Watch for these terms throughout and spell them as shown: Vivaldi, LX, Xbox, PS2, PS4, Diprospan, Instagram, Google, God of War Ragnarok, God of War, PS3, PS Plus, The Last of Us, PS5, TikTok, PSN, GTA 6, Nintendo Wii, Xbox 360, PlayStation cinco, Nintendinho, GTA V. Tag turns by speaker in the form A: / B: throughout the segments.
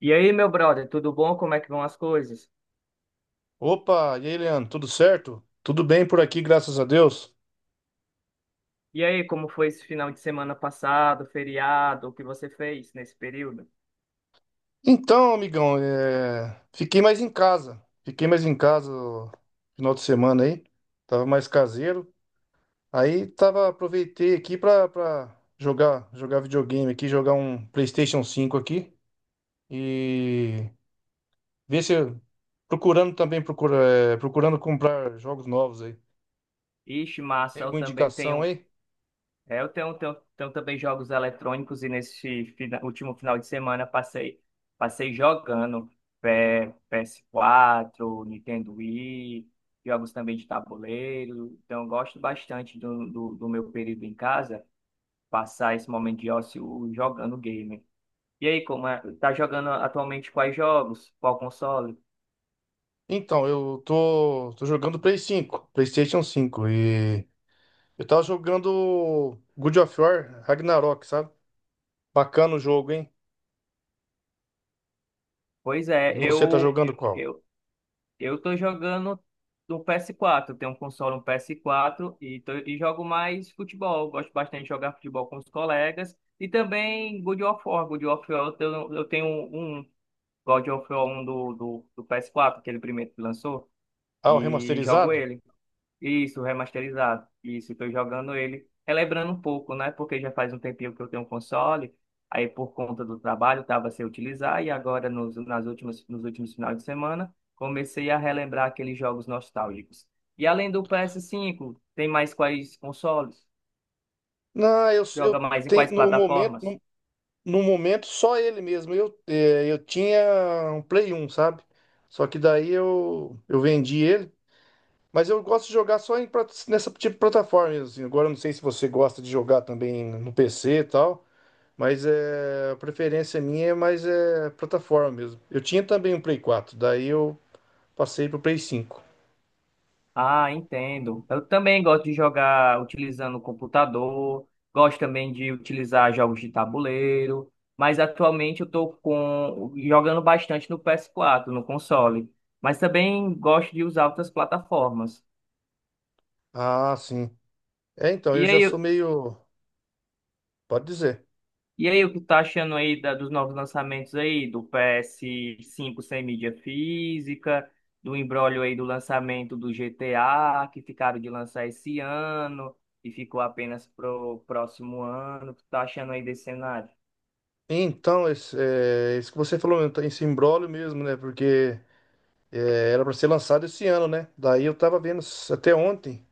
A: E aí, meu brother, tudo bom? Como é que vão as coisas?
B: Opa, e aí, Leandro, tudo certo? Tudo bem por aqui, graças a Deus.
A: E aí, como foi esse final de semana passado, feriado, o que você fez nesse período?
B: Então, amigão, fiquei mais em casa. Fiquei mais em casa no final de semana aí. Tava mais caseiro. Aí tava aproveitei aqui pra jogar, jogar videogame aqui, jogar um PlayStation 5 aqui e ver se eu- procurando procurando comprar jogos novos aí.
A: Ixi,
B: Tem
A: massa, eu
B: alguma
A: também
B: indicação
A: tenho,
B: aí?
A: eu tenho também jogos eletrônicos e nesse último final de semana passei jogando PS4, Nintendo Wii, jogos também de tabuleiro, então eu gosto bastante do meu período em casa, passar esse momento de ócio jogando game. E aí, como é? Tá jogando atualmente quais jogos? Qual console?
B: Então, eu tô jogando Play 5, PlayStation 5 e eu tava jogando God of War Ragnarok, sabe? Bacana o jogo, hein?
A: Pois é,
B: E você tá jogando qual?
A: eu eu tô jogando no PS4. Tenho um console, um PS4 e jogo mais futebol. Gosto bastante de jogar futebol com os colegas e também God of War. God of War, eu tenho um God of War um do PS4, aquele primeiro que lançou,
B: Ah, o
A: e jogo
B: remasterizado?
A: ele. Isso, remasterizado. Isso, estou jogando ele, relembrando um pouco, né? Porque já faz um tempinho que eu tenho um console, aí por conta do trabalho estava sem utilizar, e agora nos últimos finais de semana comecei a relembrar aqueles jogos nostálgicos. E além do PS5, tem mais quais consoles?
B: Não, eu,
A: Joga
B: eu
A: mais em
B: tenho
A: quais
B: no momento,
A: plataformas?
B: no momento só ele mesmo. Eu tinha um Play 1, sabe? Só que daí eu vendi ele. Mas eu gosto de jogar só em nessa tipo de plataforma mesmo. Assim. Agora eu não sei se você gosta de jogar também no PC e tal. Mas a preferência minha é mais plataforma mesmo. Eu tinha também um Play 4. Daí eu passei pro Play 5.
A: Ah, entendo. Eu também gosto de jogar utilizando o computador, gosto também de utilizar jogos de tabuleiro, mas atualmente eu estou com jogando bastante no PS4, no console, mas também gosto de usar outras plataformas.
B: Ah, sim. É, então, eu
A: E
B: já
A: aí,
B: sou meio. Pode dizer.
A: E aí, o que tá achando aí dos novos lançamentos aí, do PS5 sem mídia física, do imbróglio aí do lançamento do GTA, que ficaram de lançar esse ano e ficou apenas pro próximo ano. O que tá achando aí desse cenário?
B: Então, isso que você falou, então, esse imbróglio mesmo, né? Porque era para ser lançado esse ano, né? Daí eu tava vendo até ontem.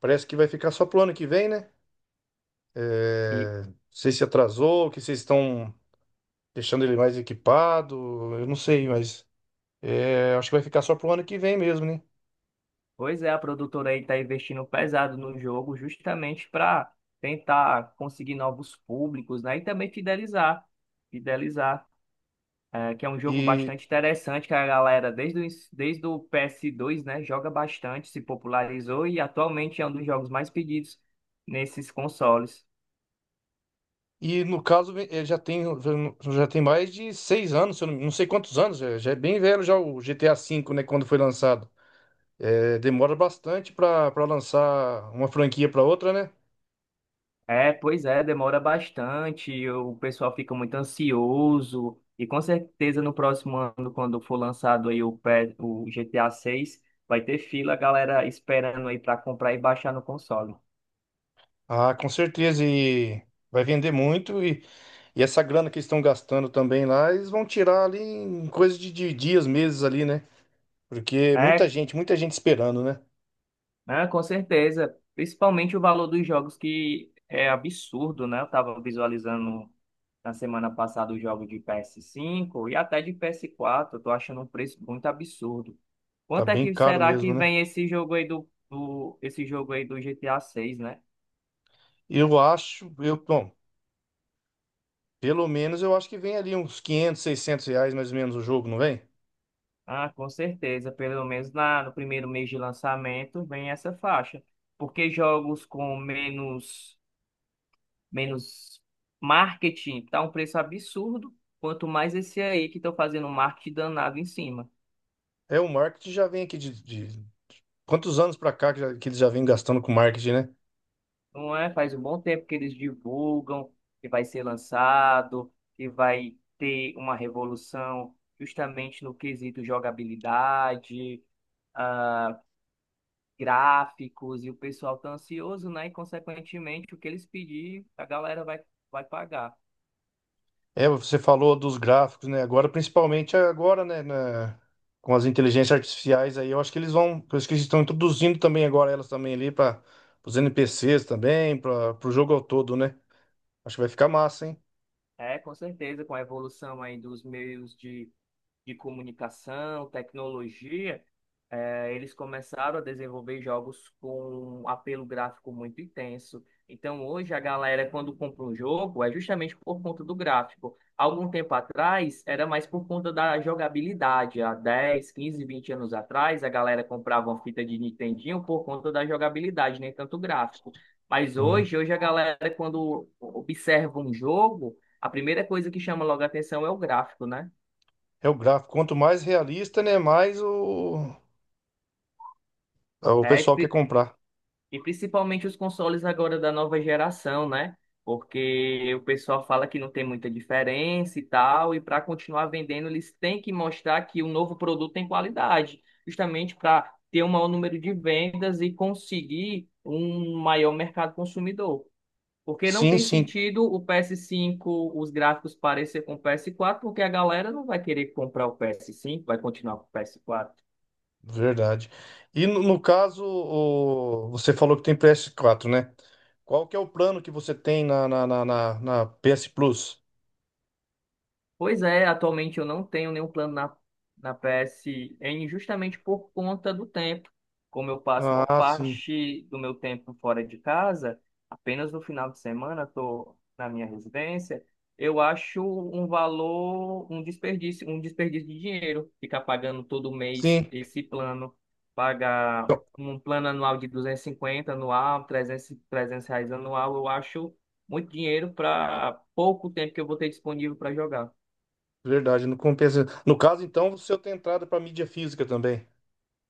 B: Parece que vai ficar só pro ano que vem, né?
A: E,
B: É, não sei se atrasou, que vocês estão deixando ele mais equipado, eu não sei, mas acho que vai ficar só pro ano que vem mesmo, né?
A: pois é, a produtora aí tá investindo pesado no jogo justamente para tentar conseguir novos públicos, né? E também fidelizar. É que é um jogo
B: E
A: bastante interessante, que a galera, desde o PS2, né, joga bastante, se popularizou e atualmente é um dos jogos mais pedidos nesses consoles.
B: E no caso, já tem mais de 6 anos, se eu não sei quantos anos, já é bem velho já o GTA V, né, quando foi lançado. Demora bastante para lançar uma franquia para outra, né?
A: É, pois é, demora bastante, o pessoal fica muito ansioso, e com certeza no próximo ano, quando for lançado aí o GTA 6, vai ter fila, a galera esperando aí para comprar e baixar no console.
B: Ah, com certeza, e vai vender muito, e essa grana que eles estão gastando também lá, eles vão tirar ali em coisa de dias, meses ali, né? Porque
A: É,
B: muita gente esperando, né?
A: ah, com certeza. Principalmente o valor dos jogos, que é absurdo, né? Eu estava visualizando na semana passada o jogo de PS5 e até de PS4. Eu tô achando um preço muito absurdo.
B: Tá
A: Quanto é
B: bem
A: que
B: caro
A: será
B: mesmo,
A: que
B: né?
A: vem esse jogo aí esse jogo aí do GTA 6, né?
B: Eu acho, bom, pelo menos eu acho que vem ali uns 500, 600 reais mais ou menos o jogo, não vem?
A: Ah, com certeza. Pelo menos na, no primeiro mês de lançamento vem essa faixa. Porque jogos com menos marketing, tá um preço absurdo, quanto mais esse aí que estão fazendo um marketing danado em cima.
B: É, o marketing já vem aqui quantos anos para cá que que eles já vêm gastando com marketing, né?
A: Não é? Faz um bom tempo que eles divulgam que vai ser lançado, que vai ter uma revolução justamente no quesito jogabilidade, ah, gráficos, e o pessoal tá ansioso, né? E consequentemente o que eles pedir, a galera vai pagar.
B: É, você falou dos gráficos, né? Agora, principalmente agora, com as inteligências artificiais aí, eu acho que eles estão introduzindo também agora elas também ali para os NPCs também, para o jogo ao todo, né? Acho que vai ficar massa, hein?
A: É, com certeza, com a evolução aí dos meios de comunicação, tecnologia, eles começaram a desenvolver jogos com um apelo gráfico muito intenso. Então, hoje, a galera, quando compra um jogo, é justamente por conta do gráfico. Algum tempo atrás, era mais por conta da jogabilidade. Há 10, 15, 20 anos atrás, a galera comprava uma fita de Nintendinho por conta da jogabilidade, nem tanto gráfico. Mas
B: Sim.
A: hoje, hoje a galera, quando observa um jogo, a primeira coisa que chama logo a atenção é o gráfico, né?
B: É o gráfico. Quanto mais realista, né? Mais o
A: É,
B: pessoal quer comprar.
A: e principalmente os consoles agora da nova geração, né? Porque o pessoal fala que não tem muita diferença e tal, e para continuar vendendo, eles têm que mostrar que o novo produto tem qualidade, justamente para ter um maior número de vendas e conseguir um maior mercado consumidor. Porque não
B: Sim,
A: tem
B: sim.
A: sentido o PS5, os gráficos parecer com o PS4, porque a galera não vai querer comprar o PS5, vai continuar com o PS4.
B: Verdade. E no caso, você falou que tem PS4, né? Qual que é o plano que você tem na PS Plus?
A: Pois é, atualmente eu não tenho nenhum plano na PSN justamente por conta do tempo. Como eu passo a maior
B: Ah, sim.
A: parte do meu tempo fora de casa, apenas no final de semana estou na minha residência, eu acho um valor, um desperdício de dinheiro ficar pagando todo mês
B: Sim,
A: esse plano, pagar
B: então,
A: um plano anual de 250 anual, 300, R$ 300 anual, eu acho muito dinheiro para pouco tempo que eu vou ter disponível para jogar.
B: verdade, não compensa. No caso, então, você tem entrada para mídia física também.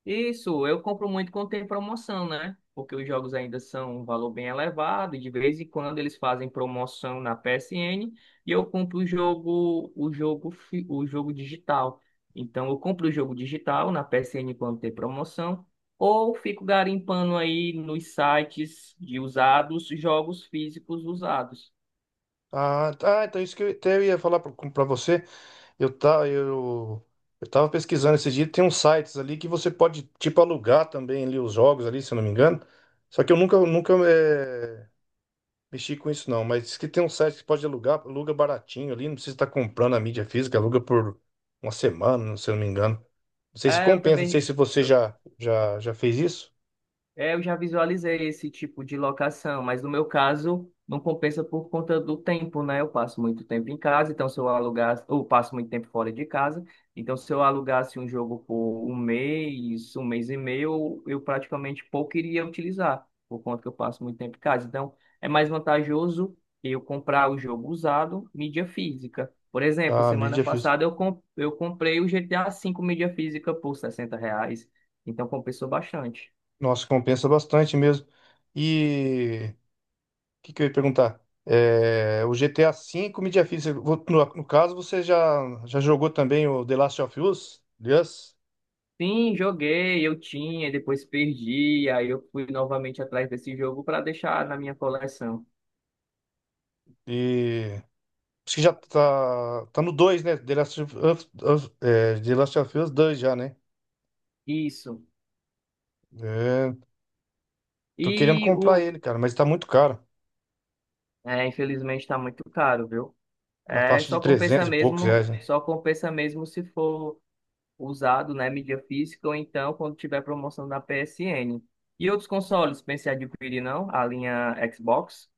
A: Isso, eu compro muito quando tem promoção, né? Porque os jogos ainda são um valor bem elevado, e de vez em quando eles fazem promoção na PSN e eu compro o jogo digital. Então eu compro o jogo digital na PSN quando tem promoção, ou fico garimpando aí nos sites de usados, jogos físicos usados.
B: Ah, tá, então isso que eu até ia falar para você. Eu, tá, eu, eu tava pesquisando esses dias, tem uns sites ali que você pode, tipo, alugar também ali os jogos ali, se eu não me engano. Só que eu nunca mexi com isso não, mas diz que tem um site que pode alugar, aluga baratinho ali, não precisa estar comprando a mídia física, aluga por uma semana, se eu não me engano. Não sei se
A: É, eu
B: compensa, não sei
A: também.
B: se você já fez isso.
A: É, eu já visualizei esse tipo de locação, mas no meu caso não compensa por conta do tempo, né? Eu passo muito tempo em casa, então se eu alugasse, ou passo muito tempo fora de casa, então se eu alugasse um jogo por um mês e meio, eu praticamente pouco iria utilizar, por conta que eu passo muito tempo em casa. Então é mais vantajoso eu comprar o jogo usado, mídia física. Por exemplo,
B: A
A: semana
B: mídia física.
A: passada eu, eu comprei o GTA V mídia física por R$ 60, então compensou bastante.
B: Nossa, compensa bastante mesmo. E o que, que eu ia perguntar? É, o GTA V, mídia física. No caso, você já jogou também o The Last of Us? Yes?
A: Sim, joguei, eu tinha, depois perdi, aí eu fui novamente atrás desse jogo para deixar na minha coleção.
B: E acho que já tá no dois, né? The Last of Us, The Last of Us dois já, né?
A: Isso.
B: É, tô querendo
A: E
B: comprar ele, cara, mas tá muito caro.
A: infelizmente está muito caro, viu?
B: Na
A: É,
B: faixa de 300 e poucos reais, né?
A: só compensa mesmo se for usado, né, mídia física ou então quando tiver promoção da PSN. E outros consoles, pensei em adquirir não? A linha Xbox?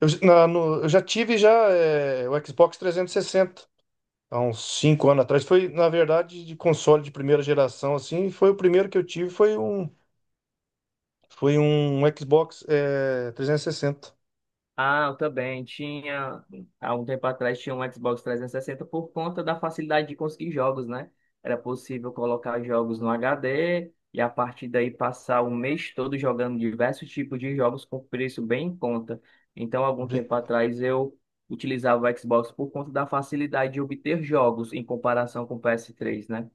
B: Eu, j- na- no- eu já tive já o Xbox 360, há uns 5 anos atrás. Foi, na verdade, de console de primeira geração, assim. Foi o primeiro que eu tive, foi um Xbox 360.
A: Ah, eu também tinha, há um tempo atrás tinha um Xbox 360 por conta da facilidade de conseguir jogos, né? Era possível colocar jogos no HD e a partir daí passar o mês todo jogando diversos tipos de jogos com preço bem em conta. Então, algum
B: Bem.
A: tempo atrás eu utilizava o Xbox por conta da facilidade de obter jogos em comparação com o PS3, né?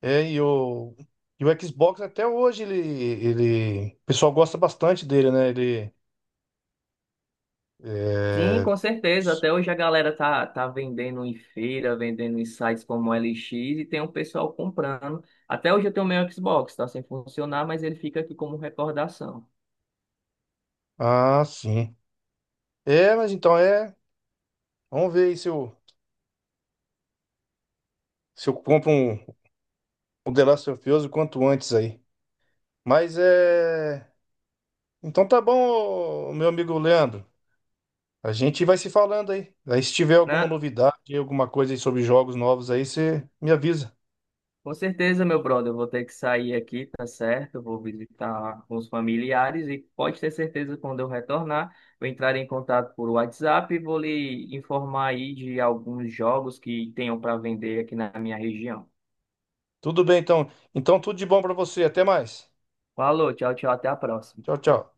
B: É, e o Xbox até hoje, ele... O pessoal gosta bastante dele, né? Ele.
A: Sim,
B: É,
A: com certeza. Até hoje a galera tá vendendo em feira, vendendo em sites como LX e tem um pessoal comprando. Até hoje eu tenho o meu Xbox, tá sem funcionar, mas ele fica aqui como recordação,
B: Ah, sim. É, mas então é. Vamos ver aí se eu compro um The Last of Us o quanto antes aí. Mas é. Então tá bom, ô, meu amigo Leandro. A gente vai se falando aí. Aí se tiver alguma
A: né?
B: novidade, alguma coisa aí sobre jogos novos aí, você me avisa.
A: Com certeza, meu brother, eu vou ter que sair aqui, tá certo? Eu vou visitar os familiares e pode ter certeza quando eu retornar, vou entrar em contato por WhatsApp e vou lhe informar aí de alguns jogos que tenham para vender aqui na minha região.
B: Tudo bem, então. Então tudo de bom pra você. Até mais.
A: Falou, tchau, tchau, até a próxima.
B: Tchau, tchau.